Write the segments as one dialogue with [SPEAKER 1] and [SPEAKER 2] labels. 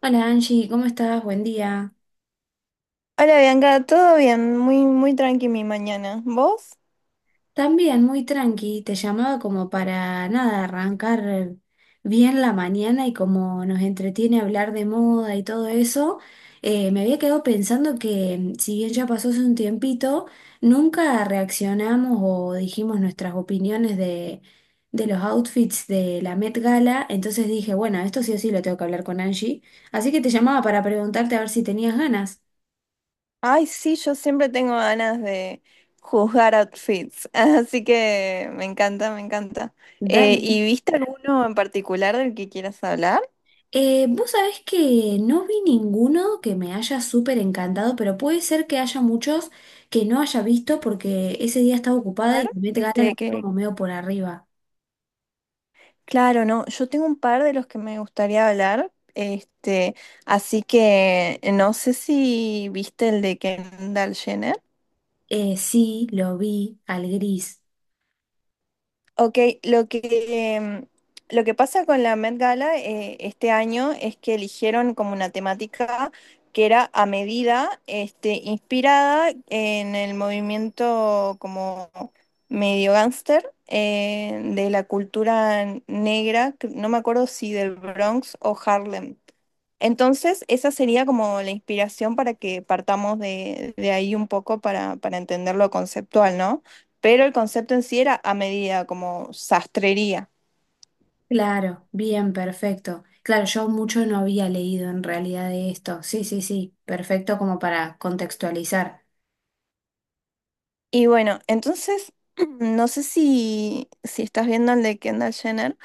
[SPEAKER 1] Hola Angie, ¿cómo estás? Buen día.
[SPEAKER 2] Hola Bianca, todo bien, muy, muy tranqui mi mañana. ¿Vos?
[SPEAKER 1] También muy tranqui, te llamaba como para nada, arrancar bien la mañana y como nos entretiene hablar de moda y todo eso, me había quedado pensando que si bien ya pasó hace un tiempito, nunca reaccionamos o dijimos nuestras opiniones de los outfits de la Met Gala, entonces dije, bueno, esto sí o sí lo tengo que hablar con Angie, así que te llamaba para preguntarte a ver si tenías ganas.
[SPEAKER 2] Ay, sí, yo siempre tengo ganas de juzgar outfits, así que me encanta, me encanta.
[SPEAKER 1] Dale.
[SPEAKER 2] ¿Y viste alguno en particular del que quieras hablar?
[SPEAKER 1] Vos sabés que no vi ninguno que me haya súper encantado, pero puede ser que haya muchos que no haya visto porque ese día estaba ocupada y la Met Gala la
[SPEAKER 2] Este,
[SPEAKER 1] vi
[SPEAKER 2] que,
[SPEAKER 1] como medio por arriba.
[SPEAKER 2] claro, no, yo tengo un par de los que me gustaría hablar, este, así que no sé si viste el de Kendall Jenner.
[SPEAKER 1] Sí, lo vi al gris.
[SPEAKER 2] Ok, em, lo que pasa con la Met Gala este año es que eligieron como una temática que era a medida, este, inspirada en el movimiento como medio gángster de la cultura negra, que no me acuerdo si del Bronx o Harlem. Entonces, esa sería como la inspiración para que partamos de ahí un poco para entender lo conceptual, ¿no? Pero el concepto en sí era a medida, como sastrería.
[SPEAKER 1] Claro, bien, perfecto. Claro, yo mucho no había leído en realidad de esto. Sí, sí, sí, perfecto como para contextualizar.
[SPEAKER 2] Y bueno, entonces, no sé si estás viendo el de Kendall Jenner,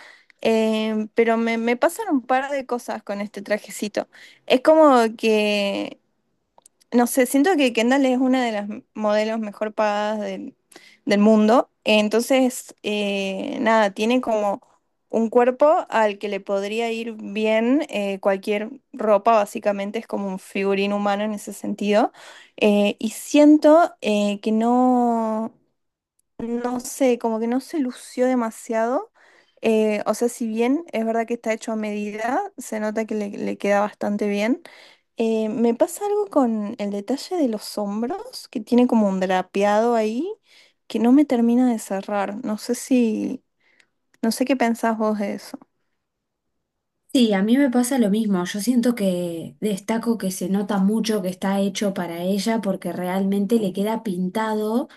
[SPEAKER 2] pero me pasan un par de cosas con este trajecito. Es como que no sé, siento que Kendall es una de las modelos mejor pagadas del mundo. Entonces, nada, tiene como un cuerpo al que le podría ir bien cualquier ropa, básicamente es como un figurín humano en ese sentido. Y siento que no. No sé, como que no se lució demasiado. O sea, si bien es verdad que está hecho a medida, se nota que le queda bastante bien. Me pasa algo con el detalle de los hombros, que tiene como un drapeado ahí, que no me termina de cerrar. No sé qué pensás vos de eso.
[SPEAKER 1] Sí, a mí me pasa lo mismo. Yo siento que destaco que se nota mucho que está hecho para ella porque realmente le queda pintado,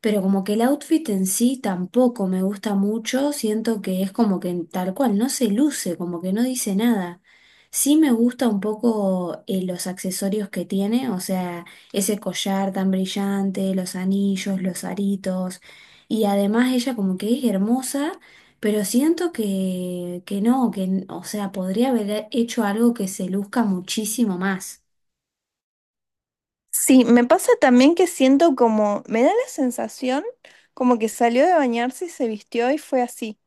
[SPEAKER 1] pero como que el outfit en sí tampoco me gusta mucho. Siento que es como que tal cual, no se luce, como que no dice nada. Sí me gusta un poco los accesorios que tiene, o sea, ese collar tan brillante, los anillos, los aritos, y además ella como que es hermosa. Pero siento que no, o sea, podría haber hecho algo que se luzca muchísimo más.
[SPEAKER 2] Sí, me pasa también que siento como, me da la sensación como que salió de bañarse y se vistió y fue así.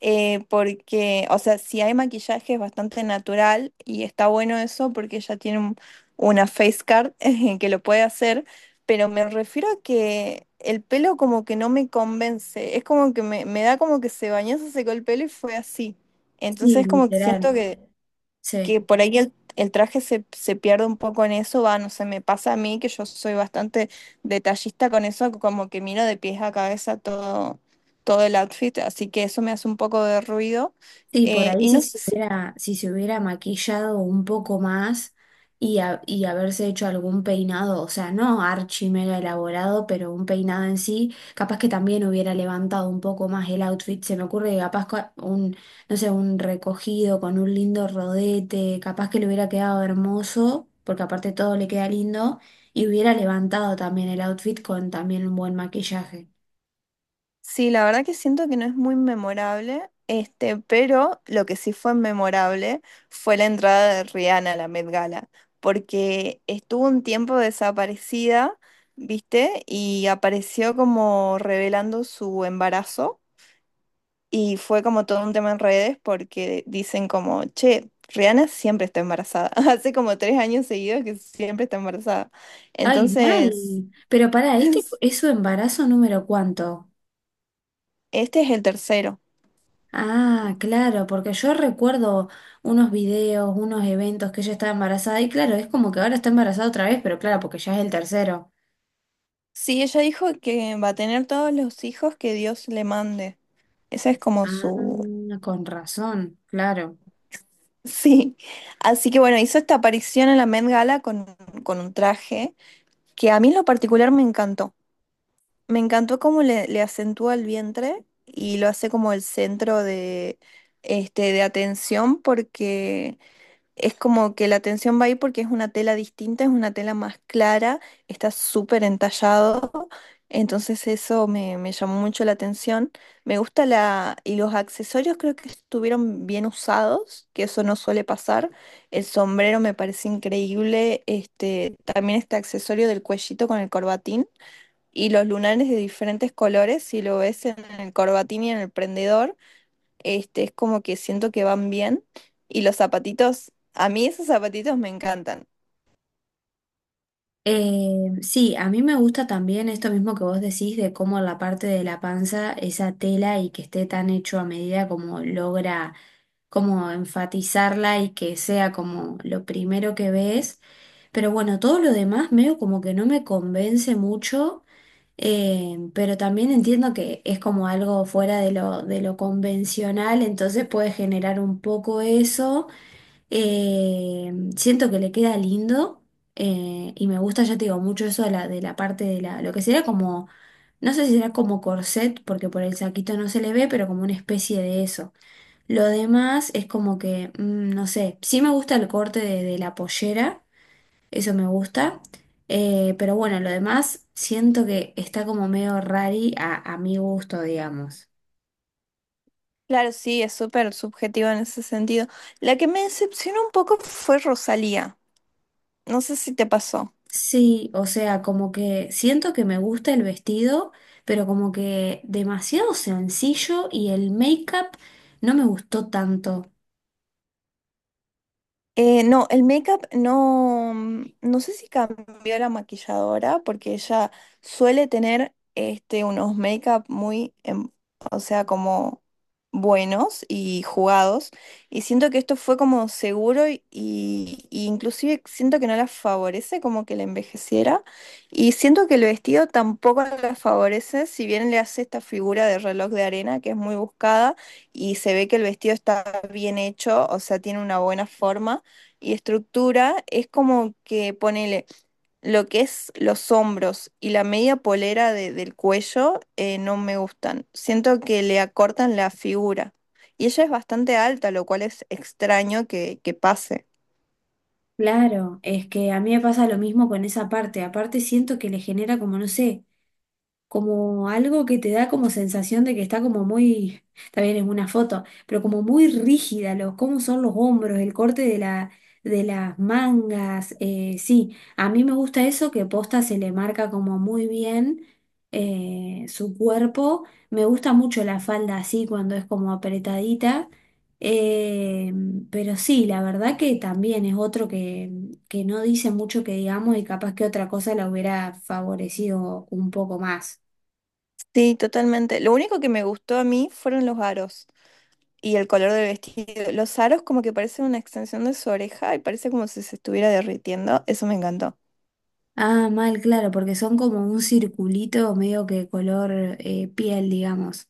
[SPEAKER 2] Porque, o sea, si hay maquillaje es bastante natural y está bueno eso porque ella tiene una face card que lo puede hacer, pero me refiero a que el pelo como que no me convence, es como que me da como que se bañó, se secó el pelo y fue así.
[SPEAKER 1] Sí,
[SPEAKER 2] Entonces como que
[SPEAKER 1] literal.
[SPEAKER 2] siento que
[SPEAKER 1] Sí.
[SPEAKER 2] que por ahí el traje se pierde un poco en eso, va, no sé, me pasa a mí que yo soy bastante detallista con eso, como que miro de pies a cabeza todo, todo el outfit, así que eso me hace un poco de ruido.
[SPEAKER 1] Sí, por ahí
[SPEAKER 2] Y no sé si,
[SPEAKER 1] si se hubiera maquillado un poco más y, y haberse hecho algún peinado, o sea, no archi mega elaborado, pero un peinado en sí, capaz que también hubiera levantado un poco más el outfit. Se me ocurre que no sé, un recogido con un lindo rodete, capaz que le hubiera quedado hermoso, porque aparte todo le queda lindo, y hubiera levantado también el outfit con también un buen maquillaje.
[SPEAKER 2] sí, la verdad que siento que no es muy memorable, este, pero lo que sí fue memorable fue la entrada de Rihanna a la Met Gala, porque estuvo un tiempo desaparecida. ¿Viste? Y apareció como revelando su embarazo. Y fue como todo un tema en redes porque dicen como, che, Rihanna siempre está embarazada. Hace como 3 años seguidos que siempre está embarazada.
[SPEAKER 1] Ay, mal.
[SPEAKER 2] Entonces,
[SPEAKER 1] Pero para este es su embarazo número cuánto.
[SPEAKER 2] este es el tercero.
[SPEAKER 1] Ah, claro, porque yo recuerdo unos videos, unos eventos que ella estaba embarazada y claro, es como que ahora está embarazada otra vez, pero claro, porque ya es el tercero.
[SPEAKER 2] Sí, ella dijo que va a tener todos los hijos que Dios le mande. Esa es como su...
[SPEAKER 1] Ah, con razón, claro.
[SPEAKER 2] Sí. Así que bueno, hizo esta aparición en la Met Gala con un traje que a mí en lo particular me encantó. Me encantó cómo le acentúa el vientre y lo hace como el centro de atención porque es como que la atención va ahí porque es una tela distinta, es una tela más clara, está súper entallado. Entonces eso me llamó mucho la atención. Me gusta la... Y los accesorios creo que estuvieron bien usados, que eso no suele pasar. El sombrero me parece increíble. Este, también este accesorio del cuellito con el corbatín. Y los lunares de diferentes colores, si lo ves en el corbatín y en el prendedor, este, es como que siento que van bien. Y los zapatitos, a mí esos zapatitos me encantan.
[SPEAKER 1] Sí, a mí me gusta también esto mismo que vos decís de cómo la parte de la panza, esa tela y que esté tan hecho a medida como logra como enfatizarla y que sea como lo primero que ves. Pero bueno, todo lo demás medio como que no me convence mucho. Pero también entiendo que es como algo fuera de lo convencional, entonces puede generar un poco eso. Siento que le queda lindo, y me gusta, ya te digo, mucho eso de la parte de la, lo que sería como, no sé si será como corset, porque por el saquito no se le ve, pero como una especie de eso. Lo demás es como que, no sé, sí me gusta el corte de la pollera. Eso me gusta. Pero bueno, lo demás siento que está como medio rari a mi gusto, digamos.
[SPEAKER 2] Claro, sí, es súper subjetivo en ese sentido. La que me decepcionó un poco fue Rosalía. No sé si te pasó.
[SPEAKER 1] Sí, o sea, como que siento que me gusta el vestido, pero como que demasiado sencillo y el make-up no me gustó tanto.
[SPEAKER 2] No, el make-up no, no sé si cambió la maquilladora porque ella suele tener este, unos make-up muy, o sea, como buenos y jugados. Y siento que esto fue como seguro y inclusive siento que no la favorece como que la envejeciera. Y siento que el vestido tampoco la favorece, si bien le hace esta figura de reloj de arena que es muy buscada y se ve que el vestido está bien hecho, o sea, tiene una buena forma y estructura es como que ponele lo que es los hombros y la media polera del cuello no me gustan. Siento que le acortan la figura. Y ella es bastante alta, lo cual es extraño que pase.
[SPEAKER 1] Claro, es que a mí me pasa lo mismo con esa parte. Aparte siento que le genera como, no sé. Como algo que te da como sensación de que está como muy, también es una foto, pero como muy rígida, los, cómo son los hombros, el corte de las mangas, sí, a mí me gusta eso que posta se le marca como muy bien, su cuerpo, me gusta mucho la falda así cuando es como apretadita. eh, pero sí, la verdad que también es otro que no dice mucho que digamos y capaz que otra cosa la hubiera favorecido un poco más.
[SPEAKER 2] Sí, totalmente. Lo único que me gustó a mí fueron los aros y el color del vestido. Los aros como que parecen una extensión de su oreja y parece como si se estuviera derritiendo. Eso me encantó.
[SPEAKER 1] Ah, mal, claro, porque son como un circulito medio que color, piel, digamos.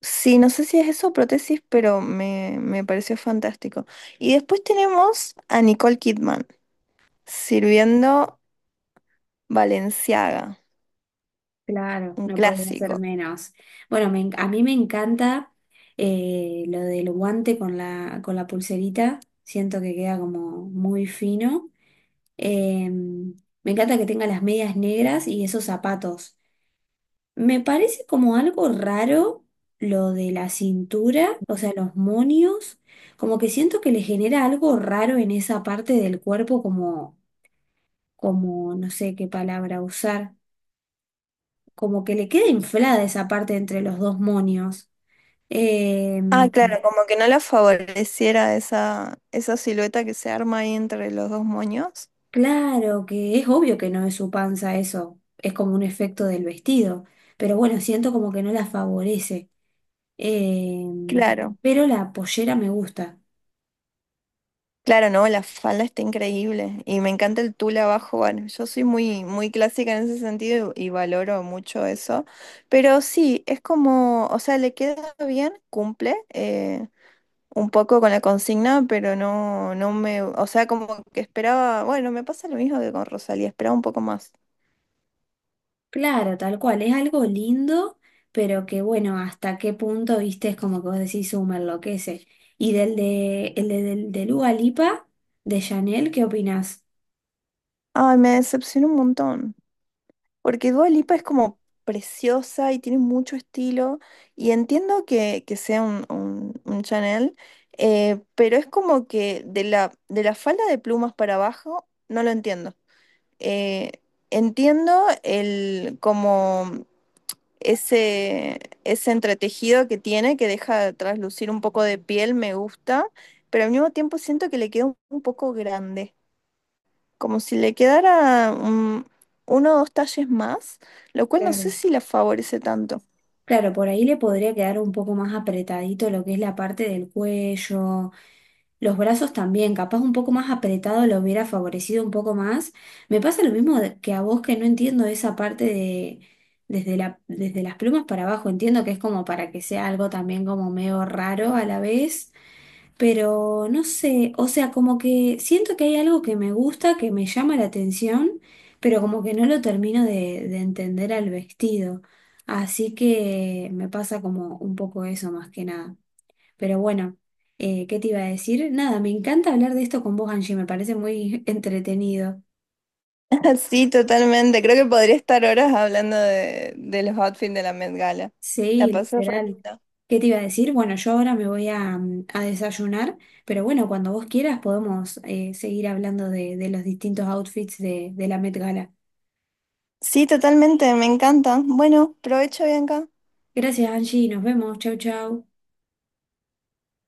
[SPEAKER 2] Sí, no sé si es eso prótesis, pero me pareció fantástico. Y después tenemos a Nicole Kidman sirviendo Balenciaga,
[SPEAKER 1] Claro,
[SPEAKER 2] un
[SPEAKER 1] no podía ser
[SPEAKER 2] clásico.
[SPEAKER 1] menos. Bueno, a mí me encanta, lo del guante con la pulserita. Siento que queda como muy fino. Me encanta que tenga las medias negras y esos zapatos. Me parece como algo raro lo de la cintura, o sea, los monios. Como que siento que le genera algo raro en esa parte del cuerpo, como no sé qué palabra usar, como que le queda inflada esa parte entre los dos monios. Eh,
[SPEAKER 2] Ah, claro, como que no la favoreciera esa, esa silueta que se arma ahí entre los dos moños.
[SPEAKER 1] claro que es obvio que no es su panza eso, es como un efecto del vestido, pero bueno, siento como que no la favorece. Eh,
[SPEAKER 2] Claro,
[SPEAKER 1] pero la pollera me gusta.
[SPEAKER 2] claro, no, la falda está increíble y me encanta el tul abajo. Bueno, yo soy muy, muy clásica en ese sentido y valoro mucho eso. Pero sí, es como, o sea, le queda bien, cumple, un poco con la consigna, pero no, no me, o sea, como que esperaba, bueno, me pasa lo mismo que con Rosalía, esperaba un poco más.
[SPEAKER 1] Claro, tal cual, es algo lindo, pero que bueno, hasta qué punto, viste, es como que vos decís, me enloquece". Y del de, el de- del, de Dua Lipa, de Chanel, ¿qué opinás?
[SPEAKER 2] Ay, me decepcionó un montón, porque Dua Lipa es como preciosa y tiene mucho estilo, y entiendo que sea un Chanel, pero es como que de la falda de plumas para abajo, no lo entiendo. Eh, Entiendo el como ese entretejido que tiene, que deja traslucir un poco de piel, me gusta, pero al mismo tiempo siento que le queda un poco grande, como si le quedara uno o dos talles más, lo cual no sé
[SPEAKER 1] Claro.
[SPEAKER 2] si la favorece tanto.
[SPEAKER 1] Claro, por ahí le podría quedar un poco más apretadito lo que es la parte del cuello, los brazos también, capaz un poco más apretado lo hubiera favorecido un poco más. Me pasa lo mismo que a vos, que no entiendo esa parte de desde las plumas para abajo, entiendo que es como para que sea algo también como medio raro a la vez. Pero no sé, o sea, como que siento que hay algo que me gusta, que me llama la atención, pero como que no lo termino de entender al vestido. Así que me pasa como un poco eso más que nada. Pero bueno, ¿qué te iba a decir? Nada, me encanta hablar de esto con vos, Angie, me parece muy entretenido.
[SPEAKER 2] Sí, totalmente. Creo que podría estar horas hablando de los outfits de la Met Gala. La
[SPEAKER 1] Sí,
[SPEAKER 2] pasé re
[SPEAKER 1] literal.
[SPEAKER 2] linda.
[SPEAKER 1] ¿Qué te iba a decir? Bueno, yo ahora me voy a, a desayunar, pero bueno, cuando vos quieras podemos seguir hablando de los distintos outfits de la Met Gala.
[SPEAKER 2] Sí, totalmente, me encanta. Bueno, provecho, Bianca.
[SPEAKER 1] Gracias, Angie. Nos vemos. Chau, chau.